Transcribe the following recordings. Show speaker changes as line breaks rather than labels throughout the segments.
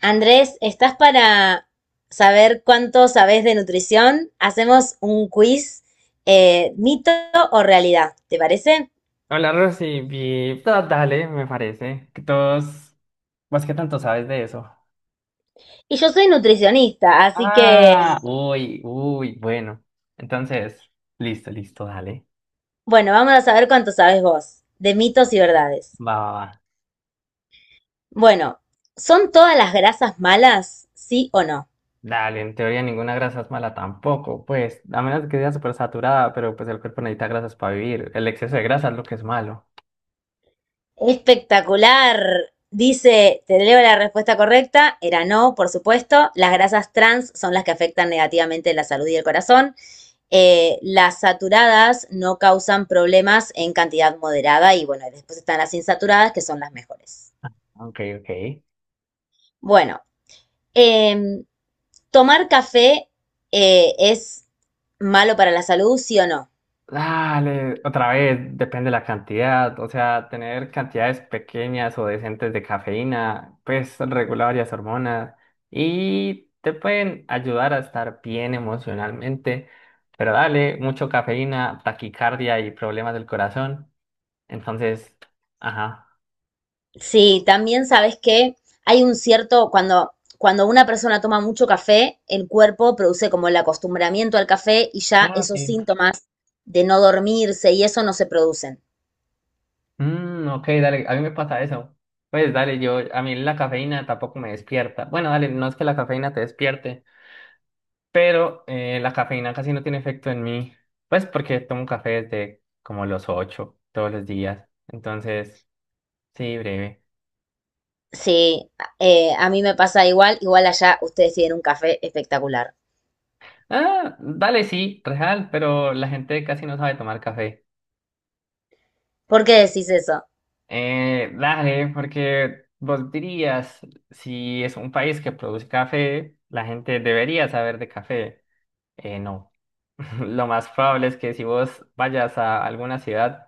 Andrés, ¿estás para saber cuánto sabes de nutrición? Hacemos un quiz, mito o realidad, ¿te parece?
Hola, Rosy. Dale, me parece. Que todos. ¿Vos qué tanto sabes de eso?
Y yo soy nutricionista, así que,
Ah, uy, uy, bueno. Entonces, listo, listo, dale.
bueno, vamos a saber cuánto sabes vos de mitos y verdades.
Va, va, va.
Bueno, ¿son todas las grasas malas? ¿Sí o no?
Dale, en teoría ninguna grasa es mala tampoco. Pues, a menos que sea súper saturada, pero pues el cuerpo necesita grasas para vivir. El exceso de grasa es lo que es malo.
Espectacular. Dice, te leo la respuesta correcta, era no, por supuesto. Las grasas trans son las que afectan negativamente la salud y el corazón. Las saturadas no causan problemas en cantidad moderada y bueno, después están las insaturadas que son las mejores.
Ok, ok.
Bueno, eh, tomar café es malo para la salud, ¿sí o no?
Dale, otra vez, depende de la cantidad. O sea, tener cantidades pequeñas o decentes de cafeína, pues regula varias hormonas y te pueden ayudar a estar bien emocionalmente. Pero dale, mucho cafeína, taquicardia y problemas del corazón. Entonces, ajá.
Sí, también sabes que hay un cierto, cuando una persona toma mucho café, el cuerpo produce como el acostumbramiento al café y ya
Ah,
esos
sí.
síntomas de no dormirse y eso no se producen.
Mm, ok, dale, a mí me pasa eso. Pues dale, yo, a mí la cafeína tampoco me despierta. Bueno, dale, no es que la cafeína te despierte. Pero la cafeína casi no tiene efecto en mí, pues porque tomo café desde como los 8 todos los días. Entonces, sí, breve.
Sí, a mí me pasa igual, igual allá ustedes tienen un café espectacular.
Ah, dale, sí, real, pero la gente casi no sabe tomar café.
¿Por qué decís eso?
Dale, porque vos dirías, si es un país que produce café, la gente debería saber de café. No. Lo más probable es que si vos vayas a alguna ciudad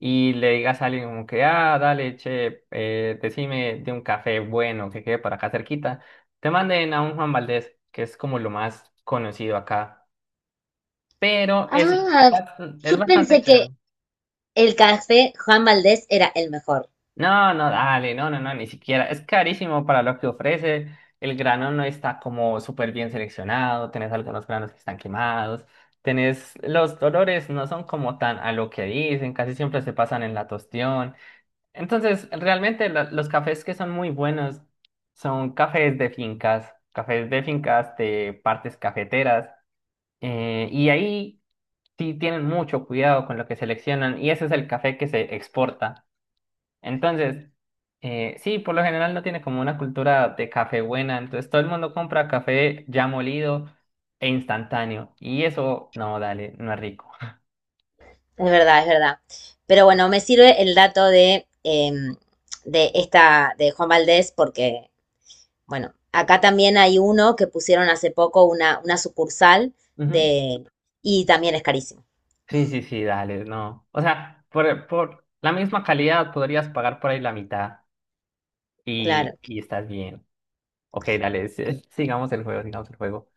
y le digas a alguien como que, ah, dale, che, decime de un café bueno que quede por acá cerquita, te manden a un Juan Valdez, que es como lo más conocido acá, pero es,
Ah,
es
yo
bastante
pensé que
caro.
el café Juan Valdés era el mejor.
No, no, dale, no, no, no, ni siquiera. Es carísimo para lo que ofrece. El grano no está como súper bien seleccionado, tenés algunos granos que están quemados, tenés los dolores no son como tan a lo que dicen, casi siempre se pasan en la tostión. Entonces, realmente los cafés que son muy buenos son cafés de fincas de partes cafeteras, y ahí sí tienen mucho cuidado con lo que seleccionan, y ese es el café que se exporta. Entonces, sí, por lo general no tiene como una cultura de café buena, entonces todo el mundo compra café ya molido e instantáneo, y eso, no, dale, no es rico.
Es verdad, es verdad. Pero bueno, me sirve el dato de, de esta, de Juan Valdés, porque, bueno, acá también hay uno que pusieron hace poco una sucursal de, y también es carísimo.
Sí, sí, sí, dale, no. O sea, por la misma calidad podrías pagar por ahí la mitad y,
Claro.
y estás bien. Ok, dale, sí, sigamos el juego, sigamos el juego.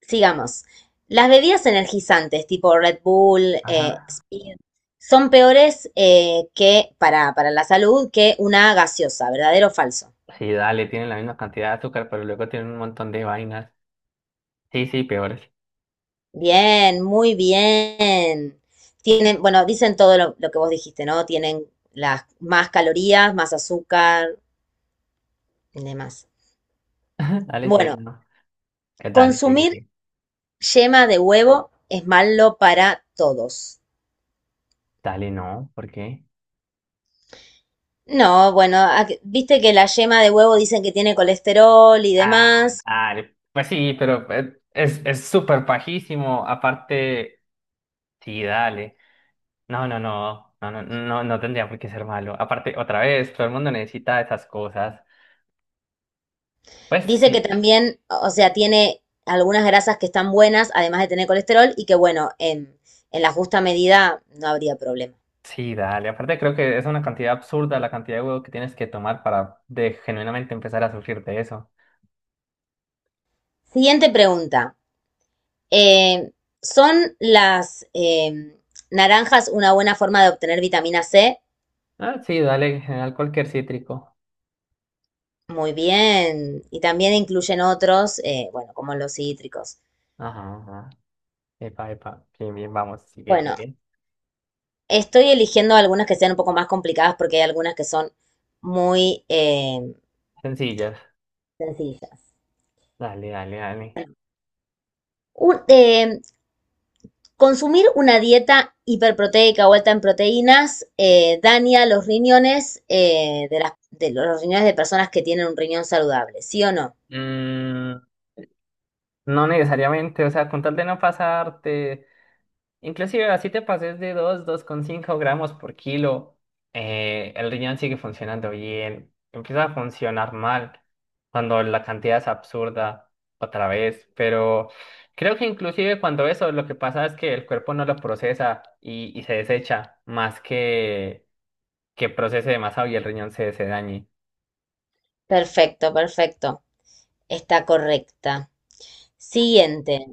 Sigamos. Las bebidas energizantes tipo Red Bull,
Ajá.
Speed, son peores que para la salud que una gaseosa, ¿verdadero o falso?
Sí, dale, tienen la misma cantidad de azúcar, pero luego tienen un montón de vainas. Sí, sí, peores.
Bien, muy bien. Tienen, bueno, dicen todo lo que vos dijiste, ¿no? Tienen las más calorías, más azúcar y demás.
Dale, sí,
Bueno,
no. Dale, sí, sí,
consumir
sí.
yema de huevo es malo para todos.
Dale, no, ¿por qué?
No, bueno, viste que la yema de huevo dicen que tiene colesterol y
Ah,
demás.
dale. Pues sí, pero es súper pajísimo. Aparte, sí, dale. No, no, no, no, no, no, no tendría por qué ser malo. Aparte, otra vez, todo el mundo necesita esas cosas. Pues
Dice que
sí,
también, o sea, tiene algunas grasas que están buenas, además de tener colesterol, y que bueno, en la justa medida no habría problema.
sí, dale. Aparte, creo que es una cantidad absurda la cantidad de huevo que tienes que tomar para de genuinamente empezar a sufrir de eso.
Siguiente pregunta. Eh, ¿Son las naranjas una buena forma de obtener vitamina C?
Ah, sí, dale, en general cualquier cítrico.
Muy bien. Y también incluyen otros, bueno, como los cítricos.
Ajá, ajá. Epa, epa. Bien, bien, vamos, sigue,
Bueno,
sigue.
estoy eligiendo algunas que sean un poco más complicadas porque hay algunas que son muy
Sencillas.
sencillas.
Dale, dale, dale.
Un- eh, Consumir una dieta hiperproteica o alta en proteínas daña los riñones de los riñones de personas que tienen un riñón saludable, ¿sí o no?
Mm, no necesariamente, o sea, con tal de no pasarte. Inclusive así te pases de 2, cinco gramos por kilo, el riñón sigue funcionando bien, empieza a funcionar mal cuando la cantidad es absurda otra vez, pero creo que inclusive cuando eso lo que pasa es que el cuerpo no lo procesa y, se desecha más que procese demasiado y el riñón se dañe.
Perfecto, perfecto. Está correcta. Siguiente.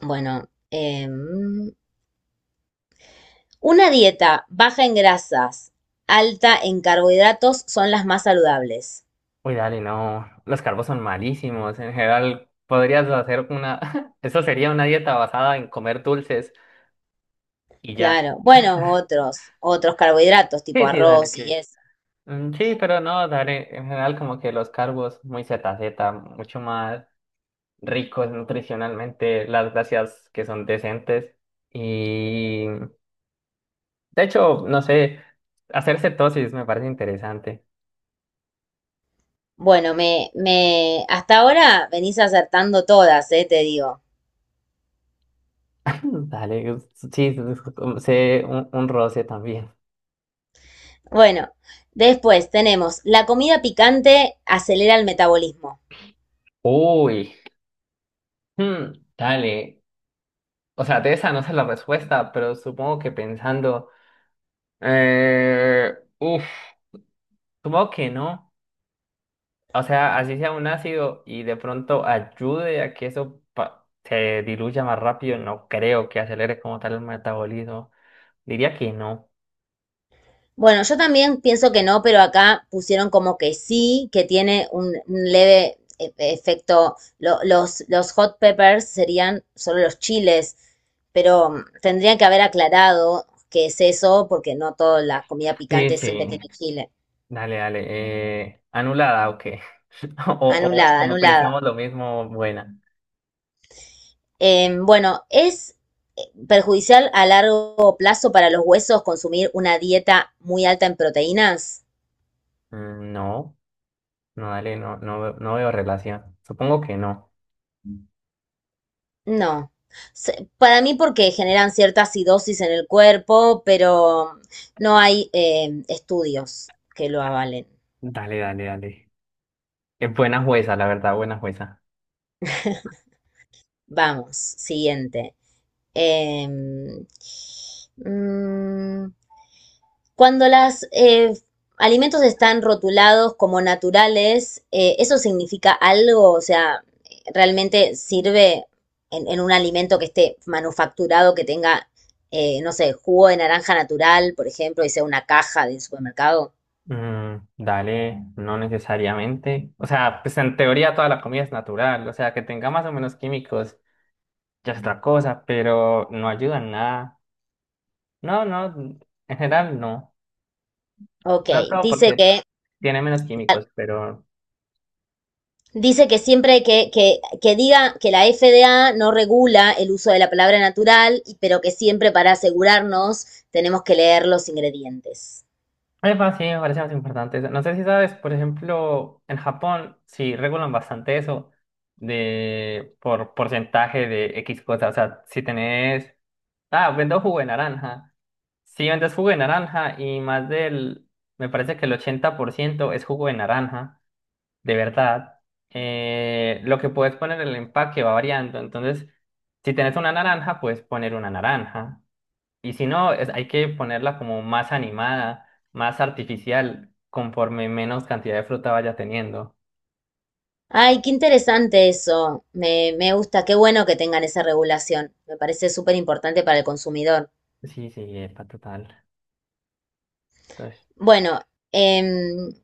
Bueno, una dieta baja en grasas, alta en carbohidratos son las más saludables.
Uy, dale, no, los carbos son malísimos, en general podrías hacer una, eso sería una dieta basada en comer dulces y ya.
Claro. Bueno, otros, otros carbohidratos tipo
Sí, sí, dale,
arroz
sí.
y eso.
Mm, sí, pero no, dale, en general como que los cargos muy ZZ, mucho más ricos nutricionalmente, las gracias que son decentes y de hecho, no sé, hacer cetosis me parece interesante.
Bueno, me, hasta ahora venís acertando todas, te digo.
Mm, dale, sí, sé un roce también.
Bueno, después tenemos, la comida picante acelera el metabolismo.
Uy, hmm, dale, o sea, de esa no sé la respuesta, pero supongo que pensando, eh, uf, supongo que no. O sea, así sea un ácido y de pronto ayude a que eso se diluya más rápido, no creo que acelere como tal el metabolismo. Diría que no.
Bueno, yo también pienso que no, pero acá pusieron como que sí, que tiene un leve efecto. Los hot peppers serían solo los chiles, pero mm, tendrían que haber aclarado qué es eso, porque no toda la comida
Sí,
picante siempre
sí.
tiene chile.
Dale, dale. ¿Anulada, o qué? O, o
Anulada,
como
anulada.
pensamos lo mismo, buena.
Bueno, es eh, perjudicial a largo plazo para los huesos consumir una dieta muy alta en proteínas.
Mm, no, no, dale, no, no, no veo relación. Supongo que no.
No. Para mí porque generan cierta acidosis en el cuerpo, pero no hay estudios que lo avalen.
Dale, dale, dale. Es buena jueza, la verdad, buena jueza.
Vamos, siguiente. Em, mm, Cuando los alimentos están rotulados como naturales, ¿eso significa algo? O sea, ¿realmente sirve en un alimento que esté manufacturado, que tenga, no sé, jugo de naranja natural, por ejemplo, y sea una caja del supermercado?
Mm, dale, no necesariamente. O sea, pues en teoría toda la comida es natural. O sea, que tenga más o menos químicos ya es otra cosa, pero no ayuda en nada. No, no, en general no.
Ok,
Tanto
dice
porque
que,
tiene menos químicos, pero...
dice que siempre que diga que la FDA no regula el uso de la palabra natural, pero que siempre para asegurarnos tenemos que leer los ingredientes.
Epa, sí, me parece más importante eso. No sé si sabes, por ejemplo, en Japón sí regulan bastante eso de por porcentaje de X cosas. O sea, si tenés, ah, vendo jugo de naranja. Sí, vendes jugo de naranja y más del, me parece que el 80% es jugo de naranja, de verdad. Lo que puedes poner en el empaque va variando. Entonces, si tenés una naranja, puedes poner una naranja. Y si no, hay que ponerla como más animada, más artificial, conforme menos cantidad de fruta vaya teniendo.
Ay, qué interesante eso. Me gusta, qué bueno que tengan esa regulación. Me parece súper importante para el consumidor.
Sí, sí, epa, total. Entonces.
Bueno, em,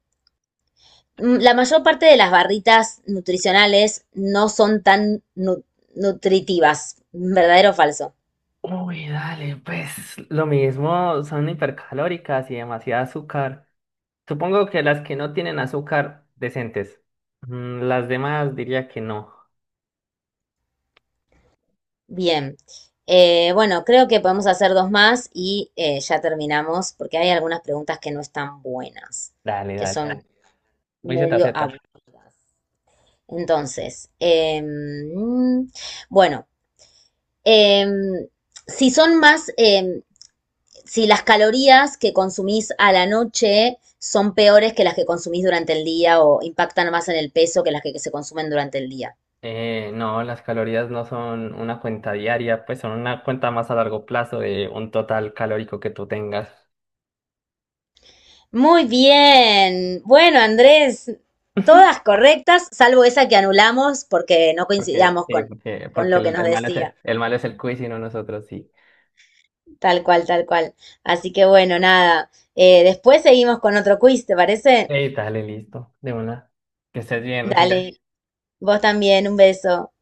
la mayor parte de las barritas nutricionales no son tan nutritivas, ¿verdadero o falso?
Uy, dale, pues lo mismo, son hipercalóricas y demasiado azúcar. Supongo que las que no tienen azúcar, decentes. Las demás diría que no.
Bien. Bueno, creo que podemos hacer dos más y ya terminamos porque hay algunas preguntas que no están buenas,
Dale,
que
dale,
son
dale. Muy
medio
ZZ.
aburridas. Entonces, bueno. Eh, si son más, eh, si las calorías que consumís a la noche son peores que las que consumís durante el día o impactan más en el peso que las que se consumen durante el día.
No, las calorías no son una cuenta diaria, pues son una cuenta más a largo plazo de un total calórico que tú tengas.
Muy bien. Bueno, Andrés, todas correctas, salvo esa que anulamos porque no
Porque,
coincidíamos
sí, porque,
con
porque
lo que nos decía.
el mal es el quiz y no nosotros, sí.
Tal cual, tal cual. Así que bueno, nada. Después seguimos con otro quiz, ¿te parece?
Ey, dale, listo, de una. Que estés bien, Rocío.
Dale, vos también, un beso.